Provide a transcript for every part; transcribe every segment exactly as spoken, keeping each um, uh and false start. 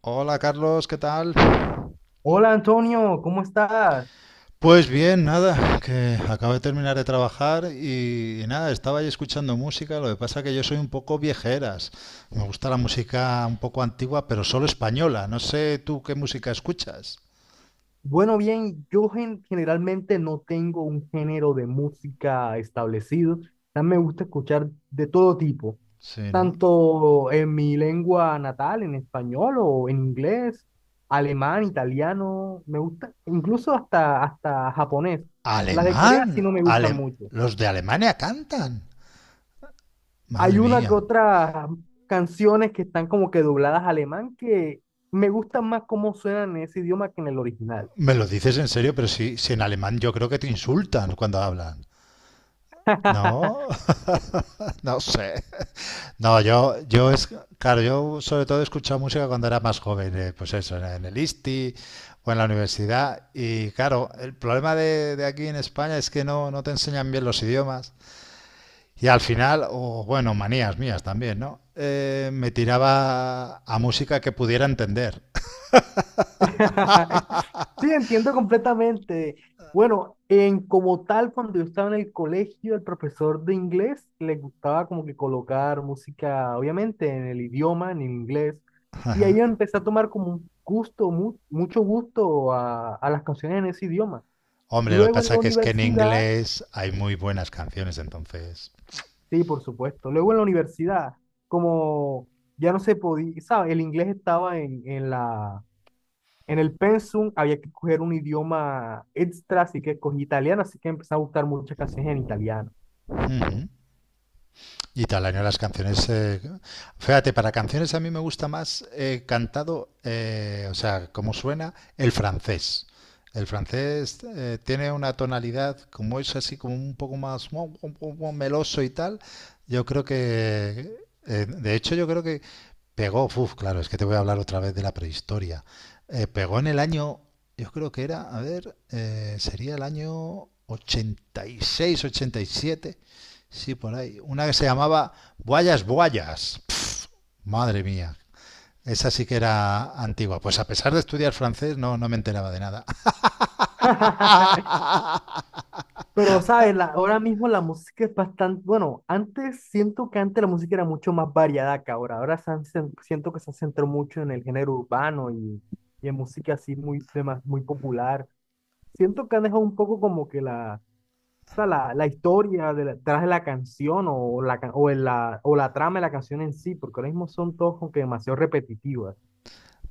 Hola Carlos, ¿qué tal? Hola Antonio, ¿cómo estás? Pues bien, nada, que acabo de terminar de trabajar y, y nada, estaba ahí escuchando música, lo que pasa que yo soy un poco viejeras. Me gusta la música un poco antigua, pero solo española. No sé tú qué música escuchas. Bueno, bien, yo gen- generalmente no tengo un género de música establecido. También me gusta escuchar de todo tipo, Sí, ¿no? tanto en mi lengua natal, en español o en inglés, alemán, italiano, me gusta, incluso hasta, hasta japonés. Las de Corea sí no Alemán, me gustan Ale- mucho. los de Alemania cantan. Hay Madre una que mía. otra canciones que están como que dobladas a alemán que me gustan más cómo suenan en ese idioma que en el original. Me lo dices en serio, pero si, si en alemán yo creo que te insultan cuando hablan. No, no sé. No, yo, yo es, claro, yo sobre todo he escuchado música cuando era más joven, eh, pues eso, en, en el I S T I o en la universidad. Y claro, el problema de, de aquí en España es que no, no te enseñan bien los idiomas. Y al final, o bueno, manías mías también, ¿no? Eh, me tiraba a música que pudiera entender. Sí, entiendo completamente. Bueno, en como tal, cuando yo estaba en el colegio, el profesor de inglés le gustaba como que colocar música, obviamente, en el idioma, en inglés. Y ahí empecé a tomar como un gusto, mu- mucho gusto a, a las canciones en ese idioma. Hombre, lo que Luego en la pasa que es que en universidad, inglés hay muy buenas canciones, entonces. sí, por supuesto. Luego en la universidad, como ya no se podía, ¿sabes? El inglés estaba en, en la, en el pensum había que coger un idioma extra, así que cogí italiano, así que empecé a buscar muchas canciones en italiano. Ujú. Y Talanio las canciones, eh, fíjate, para canciones a mí me gusta más eh, cantado, eh, o sea, como suena el francés. El francés eh, tiene una tonalidad, como es así, como un poco más mo- mo- mo- mo- meloso y tal. Yo creo que, eh, de hecho, yo creo que pegó, uf, claro, es que te voy a hablar otra vez de la prehistoria. Eh, pegó en el año, yo creo que era, a ver, eh, sería el año ochenta ochenta y seis, ochenta y siete. Sí, por ahí. Una que se llamaba Boyas Boyas. Madre mía. Esa sí que era antigua. Pues a pesar de estudiar francés, no, no me enteraba de nada. Pero, ¿sabes? La- ahora mismo la música es bastante, bueno, antes siento que antes la música era mucho más variada que ahora. Ahora se han cen- siento que se centró mucho en el género urbano y, y en música así muy, de más- muy popular. Siento que han dejado un poco como que la, o sea, la, la historia de la- detrás de la canción o la, ca- o, el- la, o la trama de la canción en sí, porque ahora mismo son todos como que demasiado repetitivas.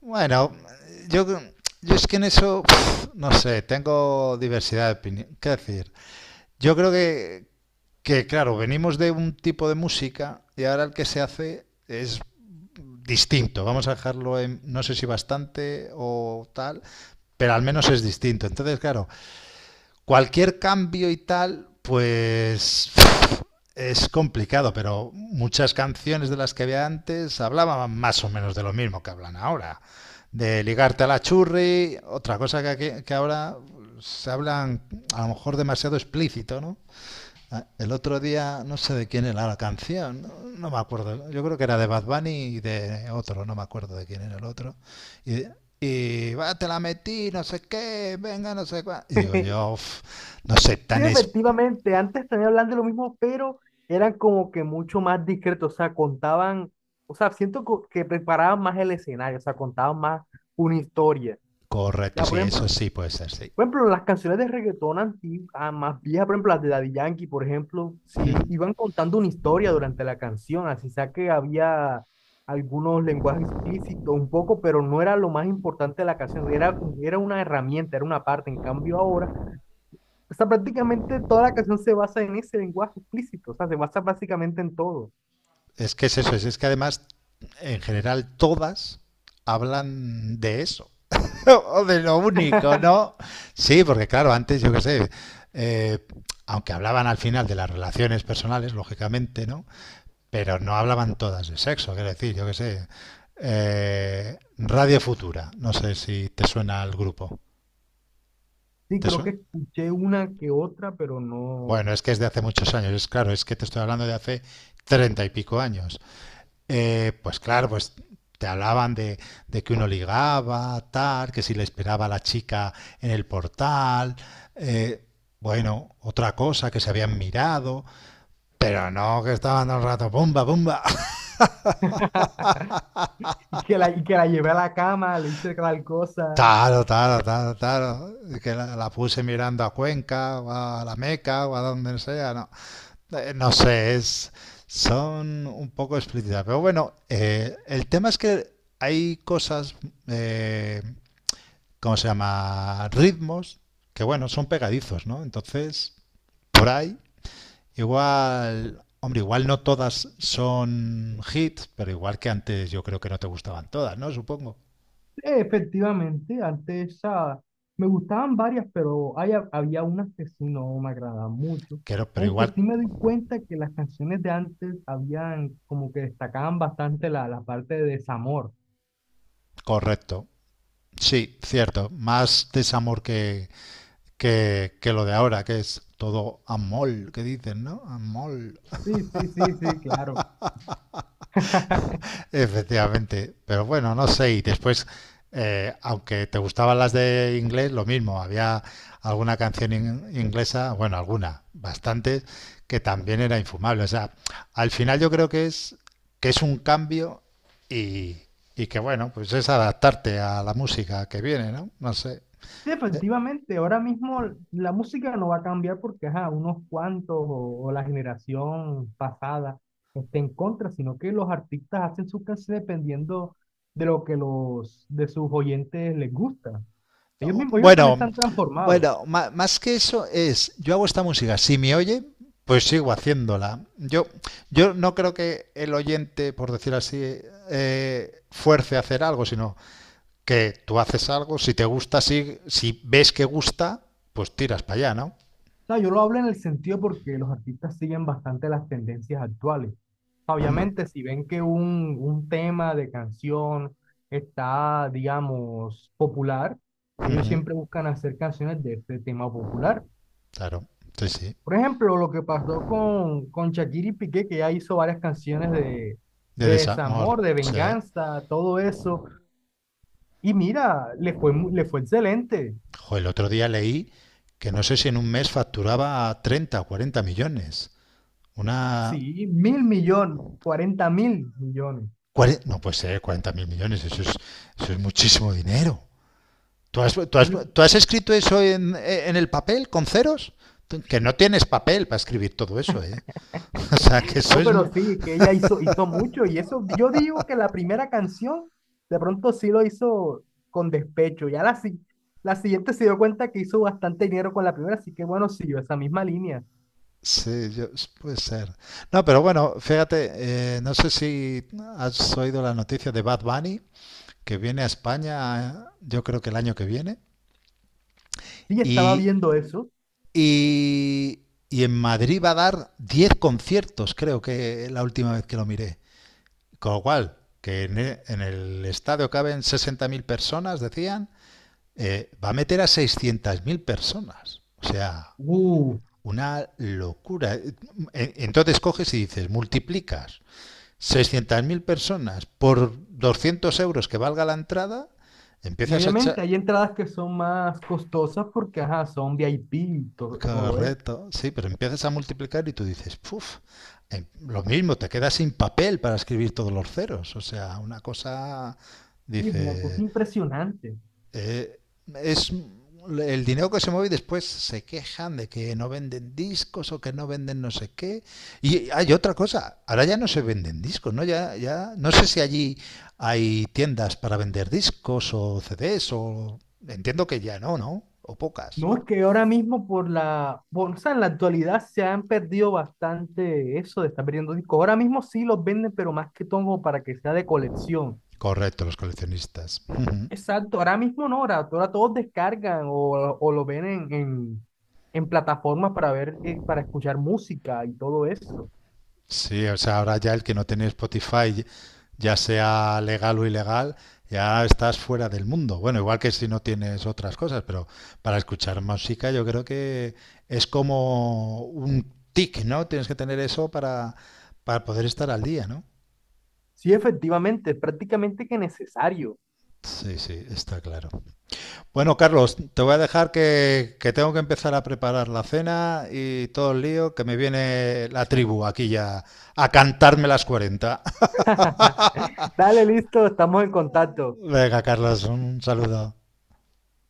Bueno, yo, yo es que en eso, pf, no sé, tengo diversidad de opinión. ¿Qué decir? Yo creo que, que claro, venimos de un tipo de música y ahora el que se hace es distinto. Vamos a dejarlo en, no sé si bastante o tal, pero al menos es distinto. Entonces, claro, cualquier cambio y tal, pues es complicado, pero muchas canciones de las que había antes hablaban más o menos de lo mismo que hablan ahora. De ligarte a la churri, otra cosa que, aquí- que ahora se hablan a lo mejor demasiado explícito, ¿no? Ah, el otro día, no sé de quién era la canción, no, no me acuerdo. Yo creo que era de Bad Bunny y de otro, no me acuerdo de quién era el otro. Y, y "Ah, te la metí, no sé qué, venga, no sé cuál". Y digo yo, "Uf, no sé, Sí, tan es efectivamente, antes también hablan de lo mismo, pero eran como que mucho más discretos, o sea, contaban, o sea, siento co- que preparaban más el escenario, o sea, contaban más una historia. correcto". Ya, por Sí, ejemplo, eso sí puede ser, sí. por ejemplo, las canciones de reggaetón antiguas, más viejas, por ejemplo, las de Daddy Yankee, por ejemplo, sí iban contando una historia durante la canción, así sea que había algunos lenguajes explícitos un poco, pero no era lo más importante de la canción, era, como- era una herramienta, era una parte, en cambio ahora o sea, prácticamente toda la canción se basa en ese lenguaje explícito, o sea, se basa básicamente en todo. Es que es eso, es, es que además, en general, todas hablan de eso. O de lo único, ¿no? Sí, porque claro, antes yo qué sé, eh, aunque hablaban al final de las relaciones personales, lógicamente, ¿no? Pero no hablaban todas de sexo, quiero decir, yo qué sé. eh, Radio Futura, no sé si te suena al grupo. Sí, ¿Te creo que suena? escuché una que otra, pero no. Bueno, es que es de hace muchos años, es claro, es que te estoy hablando de hace treinta y pico años. Eh, pues claro, pues te hablaban de, de que uno ligaba, tal, que si le esperaba a la chica en el portal, eh, bueno, otra cosa que se habían mirado, pero no que estaban todo el rato, bomba, bomba, Y que la, y que la llevé a la cama, le hice tal cosa. taro, taro, taro, taro, que la, la puse mirando a Cuenca, o a la Meca, o a donde sea, no, Eh, no sé, es, son un poco explícitas, pero bueno, eh, el tema es que hay cosas eh, ¿cómo se llama? Ritmos, que bueno, son pegadizos, ¿no? Entonces, por ahí, igual, hombre, igual no todas son hits, pero igual que antes yo creo que no te gustaban todas, ¿no? Supongo. Eh, efectivamente, antes esa- me gustaban varias, pero hay, había unas que sí no me agradaban mucho. Pero, pero Aunque igual, sí me di cuenta que las canciones de antes habían como que destacaban bastante la, la parte de desamor. correcto. Sí, cierto. Más desamor que, que, que lo de ahora, que es todo amol, que dicen, ¿no? Amol. Sí, sí, sí, sí, claro. Efectivamente, pero bueno, no sé, y después, eh, aunque te gustaban las de inglés, lo mismo, había alguna canción in- inglesa, bueno, alguna, bastantes, que también era infumable. O sea, al final yo creo que es, que es un cambio y, y que bueno, pues es adaptarte a la música que viene, ¿no? No sé. Sí, efectivamente, ahora mismo la música no va a cambiar porque ajá, unos cuantos o, o la generación pasada esté en contra, sino que los artistas hacen sus canciones dependiendo de lo que los de sus oyentes les gusta. Ellos mismos, ellos también se Bueno, han transformado. bueno, ma- más que eso es, yo hago esta música, si me oye, pues sigo haciéndola. Yo, yo no creo que el oyente, por decir así, eh, fuerce a hacer algo, sino que tú haces algo, si te gusta, si, si ves que gusta, pues tiras para allá, ¿no? Sea, yo lo hablo en el sentido porque los artistas siguen bastante las tendencias actuales. Mm, Obviamente, si ven que un, un tema de canción está, digamos, popular, ellos ujú, siempre buscan hacer canciones de este tema popular. claro, sí, sí. Por ejemplo, lo que pasó con, con Shakira y Piqué, que ya hizo varias canciones de, De de desamor, desamor, de sí. venganza, todo eso. Y mira, le fue, mu- le fue excelente. Jo, el otro día leí que no sé si en un mes facturaba treinta o cuarenta millones. Una, Sí, mil millones, cuarenta mil millones. Cuare- no puede ser cuarenta mil millones, eso es, eso es muchísimo dinero. ¿Tú has, tú has- tú has escrito eso en, en el papel con ceros? Tú- Que no tienes papel para escribir todo eso, ¿eh? O sea, que eso No, es... pero mu- sí, que ella hizo, hizo mucho y eso, yo digo que la primera canción de pronto sí lo hizo con despecho, ya la, si- la siguiente se dio cuenta que hizo bastante dinero con la primera, así que bueno, siguió esa misma línea. Sí, yo- puede ser. No, pero bueno, fíjate, eh, no sé si has oído la noticia de Bad Bunny, que viene a España, yo creo que el año que viene, Sí, estaba y, viendo eso. y, y en Madrid va a dar diez conciertos, creo que la última vez que lo miré. Con lo cual, que en e- en el estadio caben sesenta mil personas, decían, eh, va a meter a seiscientos mil personas. O sea, Uh, una locura. Eh, e- Entonces coges y dices, multiplicas seiscientos mil personas por doscientos euros que valga la entrada, y empiezas a echar... obviamente hay entradas que son más costosas porque, ajá, son V I P y to- todo eso. Correcto, sí, pero empiezas a multiplicar y tú dices, puf, eh, lo mismo, te quedas sin papel para escribir todos los ceros. O sea, una cosa, Sí, es una cosa dice, impresionante. Eh, es el dinero que se mueve y después se quejan de que no venden discos o que no venden no sé qué. Y hay otra cosa, ahora ya no se venden discos, ¿no? Ya, ya, no sé si allí hay tiendas para vender discos o C Ds o... Entiendo que ya no, ¿no? O pocas. No, es que ahora mismo por la, por- o sea, en la actualidad se han perdido bastante eso de estar perdiendo discos. Ahora mismo sí los venden, pero más que todo para que sea de colección. Correcto, los coleccionistas. Ujú. Exacto, ahora mismo no, ahora, ahora todos descargan o, o lo ven en, en, en plataformas para ver, eh, para escuchar música y todo eso. Sí, o sea, ahora ya el que no tiene Spotify, ya sea legal o ilegal, ya estás fuera del mundo. Bueno, igual que si no tienes otras cosas, pero para escuchar música yo creo que es como un tic, ¿no? Tienes que tener eso para, para poder estar al día, ¿no? Sí, efectivamente, es prácticamente que necesario. Sí, sí, está claro. Bueno, Carlos, te voy a dejar que, que tengo que empezar a preparar la cena y todo el lío, que me viene la tribu aquí ya a cantarme las cuarenta. Dale, listo, estamos en contacto. Venga, Carlos, un saludo.